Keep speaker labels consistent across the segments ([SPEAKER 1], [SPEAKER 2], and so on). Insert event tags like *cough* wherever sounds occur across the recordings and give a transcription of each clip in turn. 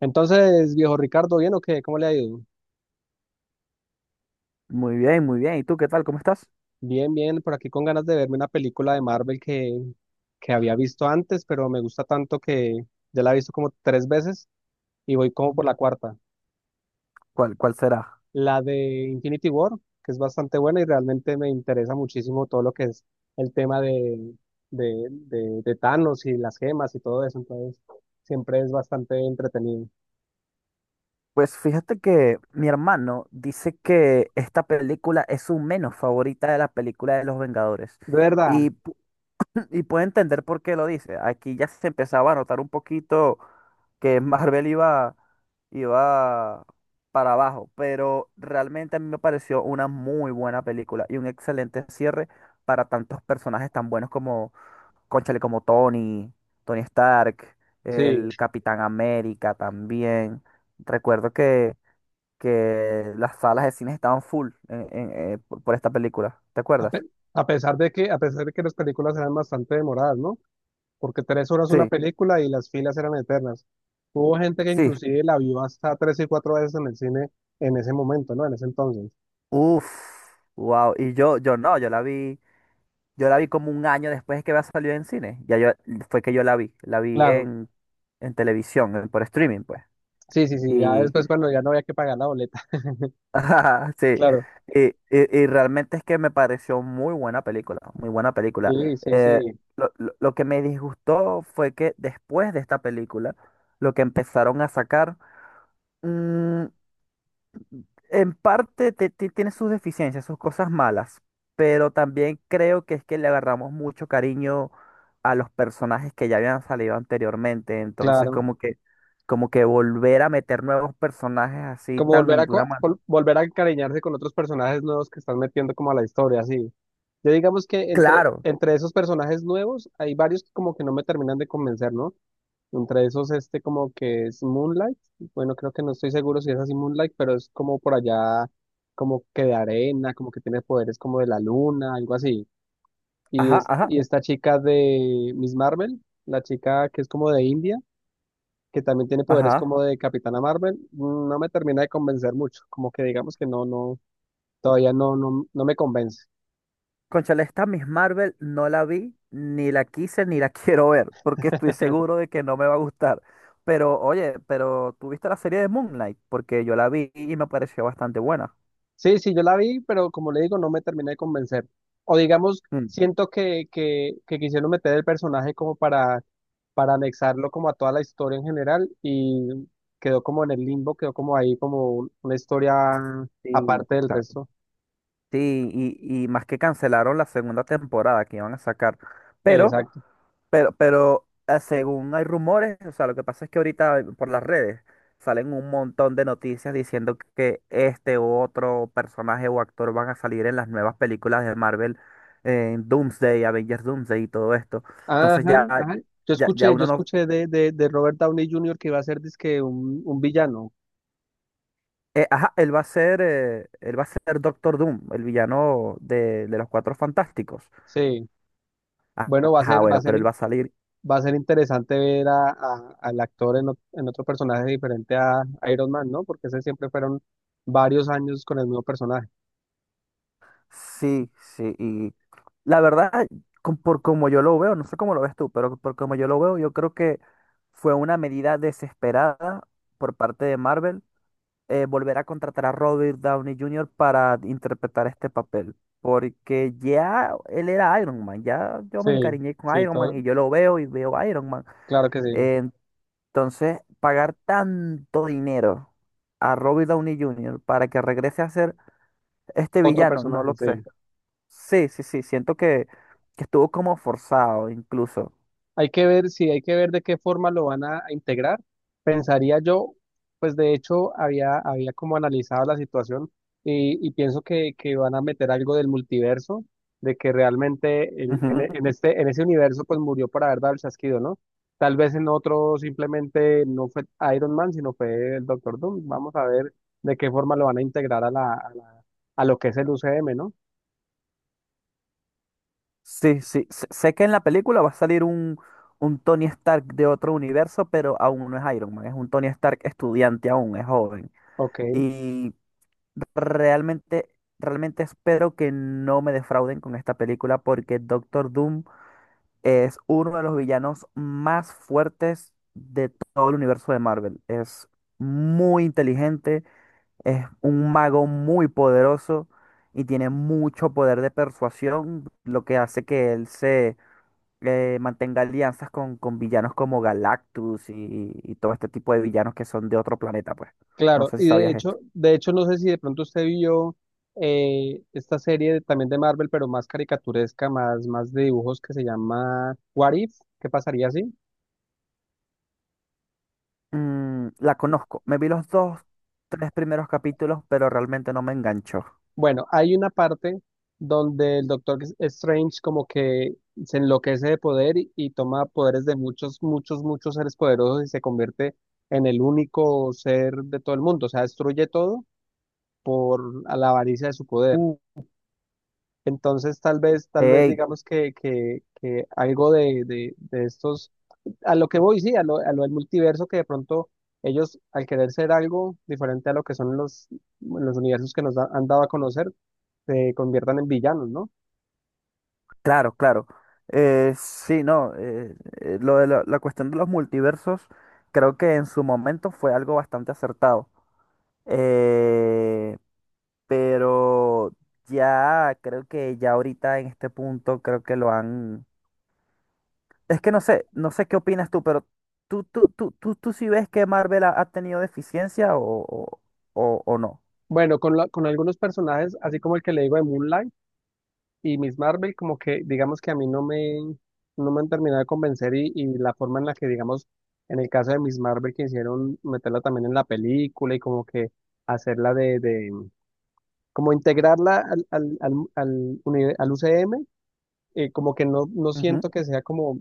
[SPEAKER 1] Entonces, viejo Ricardo, ¿bien o qué? ¿Cómo le ha ido?
[SPEAKER 2] Muy bien, muy bien. ¿Y tú qué tal? ¿Cómo estás?
[SPEAKER 1] Bien, bien, por aquí con ganas de verme una película de Marvel que había visto antes, pero me gusta tanto que ya la he visto como tres veces y voy como por la cuarta.
[SPEAKER 2] ¿Cuál será?
[SPEAKER 1] La de Infinity War, que es bastante buena y realmente me interesa muchísimo todo lo que es el tema de Thanos y las gemas y todo eso, entonces siempre es bastante entretenido.
[SPEAKER 2] Pues fíjate que mi hermano dice que esta película es su menos favorita de la película de los Vengadores.
[SPEAKER 1] ¿De
[SPEAKER 2] Y,
[SPEAKER 1] verdad?
[SPEAKER 2] pu- *laughs* y puedo entender por qué lo dice. Aquí ya se empezaba a notar un poquito que Marvel iba, iba para abajo, pero realmente a mí me pareció una muy buena película y un excelente cierre para tantos personajes tan buenos como cónchale, como Tony, Tony Stark,
[SPEAKER 1] Sí.
[SPEAKER 2] el Capitán América también. Recuerdo que las salas de cine estaban full por esta película. ¿Te
[SPEAKER 1] A, pe-
[SPEAKER 2] acuerdas?
[SPEAKER 1] a pesar de que las películas eran bastante demoradas, ¿no? Porque tres horas una
[SPEAKER 2] Sí,
[SPEAKER 1] película y las filas eran eternas. Hubo gente que
[SPEAKER 2] sí.
[SPEAKER 1] inclusive la vio hasta tres y cuatro veces en el cine en ese momento, ¿no? En ese entonces.
[SPEAKER 2] Uf, wow. Y yo no, yo la vi como un año después de que había salido en cine. Fue que yo la vi, la
[SPEAKER 1] Claro,
[SPEAKER 2] en televisión, por streaming, pues.
[SPEAKER 1] sí, sí, sí, ya después cuando ya no había que pagar la boleta.
[SPEAKER 2] *laughs*
[SPEAKER 1] *laughs*
[SPEAKER 2] Sí,
[SPEAKER 1] Claro.
[SPEAKER 2] y, y- y realmente es que me pareció muy buena película, muy buena película.
[SPEAKER 1] Sí, sí,
[SPEAKER 2] Eh,
[SPEAKER 1] sí,
[SPEAKER 2] lo que me disgustó fue que después de esta película, lo que empezaron a sacar, mm, en parte tiene sus deficiencias, sus cosas malas, pero también creo que es que le agarramos mucho cariño a los personajes que ya habían salido anteriormente, entonces
[SPEAKER 1] claro.
[SPEAKER 2] como que volver a meter nuevos personajes así
[SPEAKER 1] Como volver
[SPEAKER 2] tan
[SPEAKER 1] a,
[SPEAKER 2] de una manera.
[SPEAKER 1] volver a encariñarse con otros personajes nuevos que están metiendo como a la historia, sí. Yo digamos que
[SPEAKER 2] Claro,
[SPEAKER 1] entre esos personajes nuevos hay varios que como que no me terminan de convencer, ¿no? Entre esos, este como que es Moonlight. Bueno, creo que no estoy seguro si es así Moonlight, pero es como por allá, como que de arena, como que tiene poderes como de la luna, algo así.
[SPEAKER 2] ajá, ajá.
[SPEAKER 1] Y esta chica de Miss Marvel, la chica que es como de India, que también tiene poderes
[SPEAKER 2] Ajá.
[SPEAKER 1] como de Capitana Marvel, no me termina de convencer mucho. Como que digamos que no, no, todavía no, no, no me convence.
[SPEAKER 2] Cónchale, esta Miss Marvel no la vi, ni la quise, ni la *laughs* quiero ver, porque estoy seguro de que no me va a gustar. Pero, oye, pero ¿tú viste la serie de Moonlight? Porque yo la vi y me pareció bastante buena.
[SPEAKER 1] Sí, sí, yo la vi, pero como le digo, no me terminé de convencer. O digamos,
[SPEAKER 2] Mm.
[SPEAKER 1] siento que quisieron meter el personaje como para anexarlo como a toda la historia en general y quedó como en el limbo, quedó como ahí como una historia
[SPEAKER 2] Sí.
[SPEAKER 1] aparte del
[SPEAKER 2] Ah.
[SPEAKER 1] resto.
[SPEAKER 2] Sí, y más que cancelaron la segunda temporada que iban a sacar. Pero
[SPEAKER 1] Exacto.
[SPEAKER 2] Según hay rumores, o sea, lo que pasa es que ahorita por las redes salen un montón de noticias diciendo que este u otro personaje o actor van a salir en las nuevas películas de Marvel, en Doomsday, Avengers Doomsday y todo esto. Entonces
[SPEAKER 1] Ajá, ajá.
[SPEAKER 2] ya
[SPEAKER 1] Yo
[SPEAKER 2] uno no...
[SPEAKER 1] escuché de Robert Downey Jr. que iba a ser dizque un villano.
[SPEAKER 2] ajá, él va a él va a ser Doctor Doom, el villano de los Cuatro Fantásticos.
[SPEAKER 1] Sí. Bueno, va a
[SPEAKER 2] Ajá,
[SPEAKER 1] ser, va a
[SPEAKER 2] bueno,
[SPEAKER 1] ser,
[SPEAKER 2] pero él va a salir.
[SPEAKER 1] va a ser interesante ver a, al actor en, en otro personaje diferente a Iron Man, ¿no? Porque ese siempre fueron varios años con el mismo personaje.
[SPEAKER 2] Sí, sí, y la verdad, por como yo lo veo, no sé cómo lo ves tú, pero por como yo lo veo, yo creo que fue una medida desesperada por parte de Marvel, volver a contratar a Robert Downey Jr. para interpretar este papel, porque ya él era Iron Man, ya yo me
[SPEAKER 1] Sí,
[SPEAKER 2] encariñé con
[SPEAKER 1] sí,
[SPEAKER 2] Iron Man
[SPEAKER 1] todo,
[SPEAKER 2] y yo lo veo y veo Iron Man.
[SPEAKER 1] claro que sí.
[SPEAKER 2] Eh, entonces, pagar tanto dinero a Robert Downey Jr. para que regrese a ser este
[SPEAKER 1] Otro
[SPEAKER 2] villano, no
[SPEAKER 1] personaje,
[SPEAKER 2] lo sé.
[SPEAKER 1] sí.
[SPEAKER 2] Sí, sí, sí, siento que estuvo como forzado incluso.
[SPEAKER 1] Hay que ver, si hay que ver de qué forma lo van a integrar. Pensaría yo, pues de hecho había, había como analizado la situación y pienso que van a meter algo del multiverso, de que realmente
[SPEAKER 2] Ujú.
[SPEAKER 1] en este, en ese universo pues murió por haber dado el chasquido, ¿no? Tal vez en otro simplemente no fue Iron Man, sino fue el Doctor Doom. Vamos a ver de qué forma lo van a integrar a la, a lo que es el UCM, ¿no?
[SPEAKER 2] Sí, sí, sé que en la película va a salir un Tony Stark de otro universo, pero aún no es Iron Man, es un Tony Stark estudiante aún, es joven.
[SPEAKER 1] Ok.
[SPEAKER 2] Y realmente, realmente espero que no me defrauden con esta película porque Doctor Doom es uno de los villanos más fuertes de todo el universo de Marvel. Es muy inteligente. Es un mago muy poderoso y tiene mucho poder de persuasión, lo que hace que él se mantenga alianzas con villanos como Galactus y todo este tipo de villanos que son de otro planeta, pues. No
[SPEAKER 1] Claro,
[SPEAKER 2] sé si
[SPEAKER 1] y
[SPEAKER 2] sabías esto.
[SPEAKER 1] de hecho no sé si de pronto usted vio esta serie también de Marvel, pero más caricaturesca, más, más de dibujos que se llama What If, ¿qué pasaría así?
[SPEAKER 2] Mm, la conozco. Me vi tres primeros capítulos, pero realmente no me enganchó.
[SPEAKER 1] Bueno, hay una parte donde el Doctor Strange como que se enloquece de poder y toma poderes de muchos, muchos, muchos seres poderosos y se convierte en el único ser de todo el mundo, o sea, destruye todo por a la avaricia de su poder.
[SPEAKER 2] Uh,
[SPEAKER 1] Entonces, tal vez
[SPEAKER 2] ey,
[SPEAKER 1] digamos que algo de estos, a lo que voy, sí, a lo del multiverso, que de pronto ellos, al querer ser algo diferente a lo que son los universos que han dado a conocer, se conviertan en villanos, ¿no?
[SPEAKER 2] claro, claro. Sí, no. Lo de la cuestión de los multiversos, creo que en su momento fue algo bastante acertado. Eh, pero ya creo que ya ahorita en este punto creo que lo han... Es que no sé, no sé qué opinas tú, pero tú sí ves que Marvel ha, ha tenido deficiencia o, o no.
[SPEAKER 1] Bueno, con algunos personajes, así como el que le digo de Moonlight y Miss Marvel, como que digamos que a mí no me, no me han terminado de convencer y la forma en la que, digamos, en el caso de Miss Marvel, que hicieron meterla también en la película y como que hacerla de como integrarla al al UCM, como que no, no
[SPEAKER 2] Ujú,
[SPEAKER 1] siento que sea como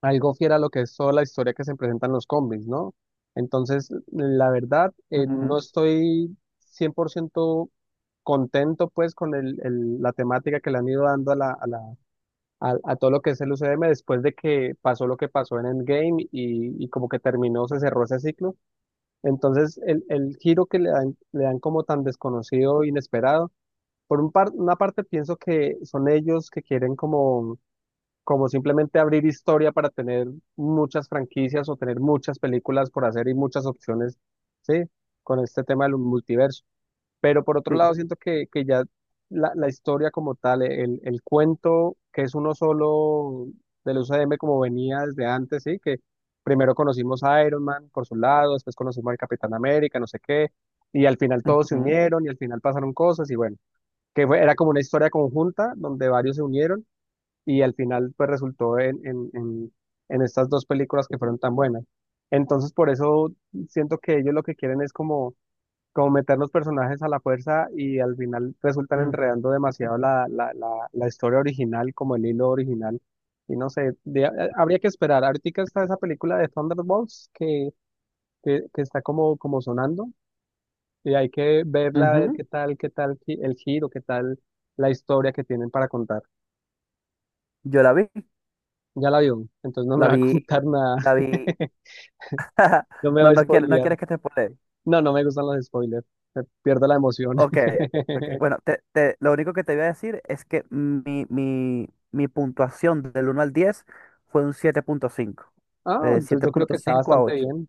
[SPEAKER 1] algo fiel a lo que es toda la historia que se presenta en los cómics, ¿no? Entonces, la verdad,
[SPEAKER 2] ujú,
[SPEAKER 1] no estoy 100% contento pues con el, la temática que le han ido dando a, la, a, a todo lo que es el UCM después de que pasó lo que pasó en Endgame y como que terminó, se cerró ese ciclo. Entonces, el giro que le dan como tan desconocido, inesperado, por un una parte pienso que son ellos que quieren como, como simplemente abrir historia para tener muchas franquicias o tener muchas películas por hacer y muchas opciones, ¿sí? Con este tema del multiverso. Pero por otro
[SPEAKER 2] sí.
[SPEAKER 1] lado siento que ya la historia como tal, el cuento que es uno solo del UCM como venía desde antes, ¿sí? Que primero conocimos a Iron Man por su lado, después conocimos al Capitán América, no sé qué, y al final todos se
[SPEAKER 2] Ujú,
[SPEAKER 1] unieron y al final pasaron cosas y bueno que era como una historia conjunta donde varios se unieron y al final pues resultó en estas dos películas que fueron tan buenas. Entonces por eso siento que ellos lo que quieren es como, como meter los personajes a la fuerza y al final resultan
[SPEAKER 2] mm,
[SPEAKER 1] enredando demasiado la, la, la, la historia original, como el hilo original. Y no sé, habría que esperar. Ahorita está esa película de Thunderbolts que está como, como sonando. Y hay que verla, a ver
[SPEAKER 2] ujú.
[SPEAKER 1] qué tal el giro, qué tal la historia que tienen para contar.
[SPEAKER 2] Yo la vi,
[SPEAKER 1] Ya la vio, entonces no
[SPEAKER 2] la
[SPEAKER 1] me va a
[SPEAKER 2] vi,
[SPEAKER 1] contar nada.
[SPEAKER 2] la vi.
[SPEAKER 1] *laughs*
[SPEAKER 2] *laughs*
[SPEAKER 1] No me va
[SPEAKER 2] No,
[SPEAKER 1] a
[SPEAKER 2] no quieres, no
[SPEAKER 1] spoilear.
[SPEAKER 2] quieres que te spoile.
[SPEAKER 1] No, no me gustan los spoilers. Me pierdo la emoción.
[SPEAKER 2] Ok, ok.
[SPEAKER 1] *laughs*
[SPEAKER 2] Bueno, lo único que te voy a decir es que mi puntuación del uno al 10 fue un 7.5.
[SPEAKER 1] Ah, entonces
[SPEAKER 2] Siete
[SPEAKER 1] yo creo
[SPEAKER 2] punto
[SPEAKER 1] que está
[SPEAKER 2] cinco a
[SPEAKER 1] bastante
[SPEAKER 2] 8.
[SPEAKER 1] bien.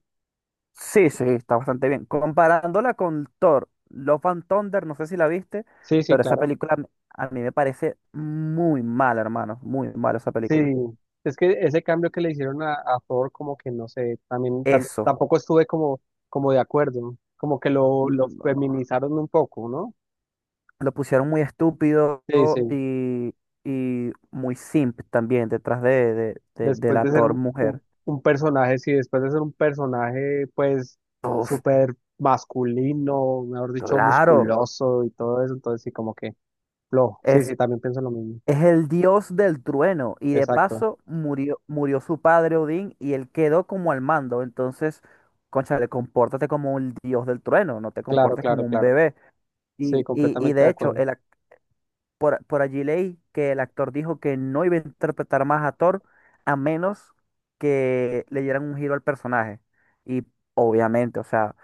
[SPEAKER 2] Sí, sí, está bastante bien. Comparándola con Thor, Love and Thunder, no sé si la viste,
[SPEAKER 1] Sí, sí,
[SPEAKER 2] pero esa
[SPEAKER 1] claro.
[SPEAKER 2] película a mí me parece muy mala, hermano. Muy mala esa
[SPEAKER 1] Sí.
[SPEAKER 2] película.
[SPEAKER 1] Es que ese cambio que le hicieron a Thor, como que no sé, también
[SPEAKER 2] Eso.
[SPEAKER 1] tampoco estuve como, como de acuerdo. Como que lo
[SPEAKER 2] Mm.
[SPEAKER 1] feminizaron un poco, ¿no?
[SPEAKER 2] Lo pusieron muy estúpido
[SPEAKER 1] Sí, sí.
[SPEAKER 2] y, y muy simp también detrás de, de
[SPEAKER 1] Después
[SPEAKER 2] la
[SPEAKER 1] de ser
[SPEAKER 2] Thor
[SPEAKER 1] un,
[SPEAKER 2] mujer.
[SPEAKER 1] un personaje, sí, después de ser un personaje, pues,
[SPEAKER 2] Uf.
[SPEAKER 1] súper masculino, mejor dicho,
[SPEAKER 2] Claro,
[SPEAKER 1] musculoso y todo eso, entonces sí, como que flojo. Sí, sí,
[SPEAKER 2] es,
[SPEAKER 1] también pienso lo mismo.
[SPEAKER 2] es el dios del trueno y de
[SPEAKER 1] Exacto.
[SPEAKER 2] paso murió, murió su padre Odín y él quedó como al mando. Entonces, cónchale, compórtate como un dios del trueno, no te
[SPEAKER 1] Claro,
[SPEAKER 2] comportes como
[SPEAKER 1] claro,
[SPEAKER 2] un
[SPEAKER 1] claro.
[SPEAKER 2] bebé.
[SPEAKER 1] Sí,
[SPEAKER 2] Y
[SPEAKER 1] completamente de
[SPEAKER 2] de hecho,
[SPEAKER 1] acuerdo.
[SPEAKER 2] por allí leí que el actor dijo que no iba a interpretar más a Thor a menos que le dieran un giro al personaje. Y obviamente, o sea,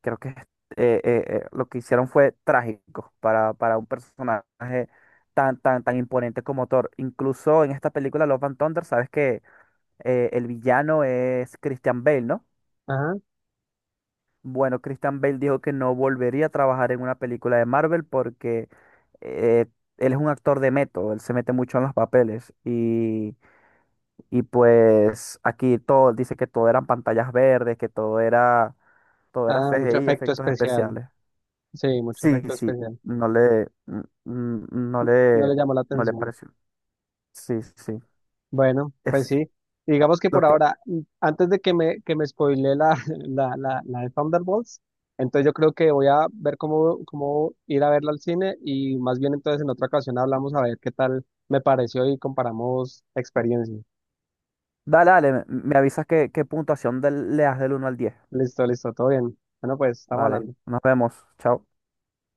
[SPEAKER 2] creo que eh, lo que hicieron fue trágico para un personaje tan, tan, tan imponente como Thor. Incluso en esta película Love and Thunder, sabes que el villano es Christian Bale, ¿no?
[SPEAKER 1] Ajá.
[SPEAKER 2] Bueno, Christian Bale dijo que no volvería a trabajar en una película de Marvel porque eh, él es un actor de método, él se mete mucho en los papeles y pues aquí todo, dice que todo eran pantallas verdes, que todo era
[SPEAKER 1] Ah, mucho
[SPEAKER 2] CGI,
[SPEAKER 1] efecto
[SPEAKER 2] efectos
[SPEAKER 1] especial.
[SPEAKER 2] especiales.
[SPEAKER 1] Sí, mucho
[SPEAKER 2] Sí,
[SPEAKER 1] efecto
[SPEAKER 2] sí,
[SPEAKER 1] especial.
[SPEAKER 2] no le, n- n- no
[SPEAKER 1] Mm, no
[SPEAKER 2] le,
[SPEAKER 1] le llamó la
[SPEAKER 2] no le
[SPEAKER 1] atención.
[SPEAKER 2] pareció. Sí, sí,
[SPEAKER 1] Bueno, pues
[SPEAKER 2] es
[SPEAKER 1] sí. Digamos que
[SPEAKER 2] lo
[SPEAKER 1] por
[SPEAKER 2] que...
[SPEAKER 1] ahora, mm, antes de que me spoile la, *laughs* la de Thunderbolts, entonces yo creo que voy a ver cómo, cómo ir a verla al cine y más bien entonces en otra ocasión hablamos a ver qué tal me pareció y comparamos experiencias.
[SPEAKER 2] Dale, dale, me me avisas qué, qué puntuación le das del uno al diez.
[SPEAKER 1] Listo, listo, todo bien. Bueno, pues estamos
[SPEAKER 2] Vale,
[SPEAKER 1] hablando.
[SPEAKER 2] nos vemos, chao.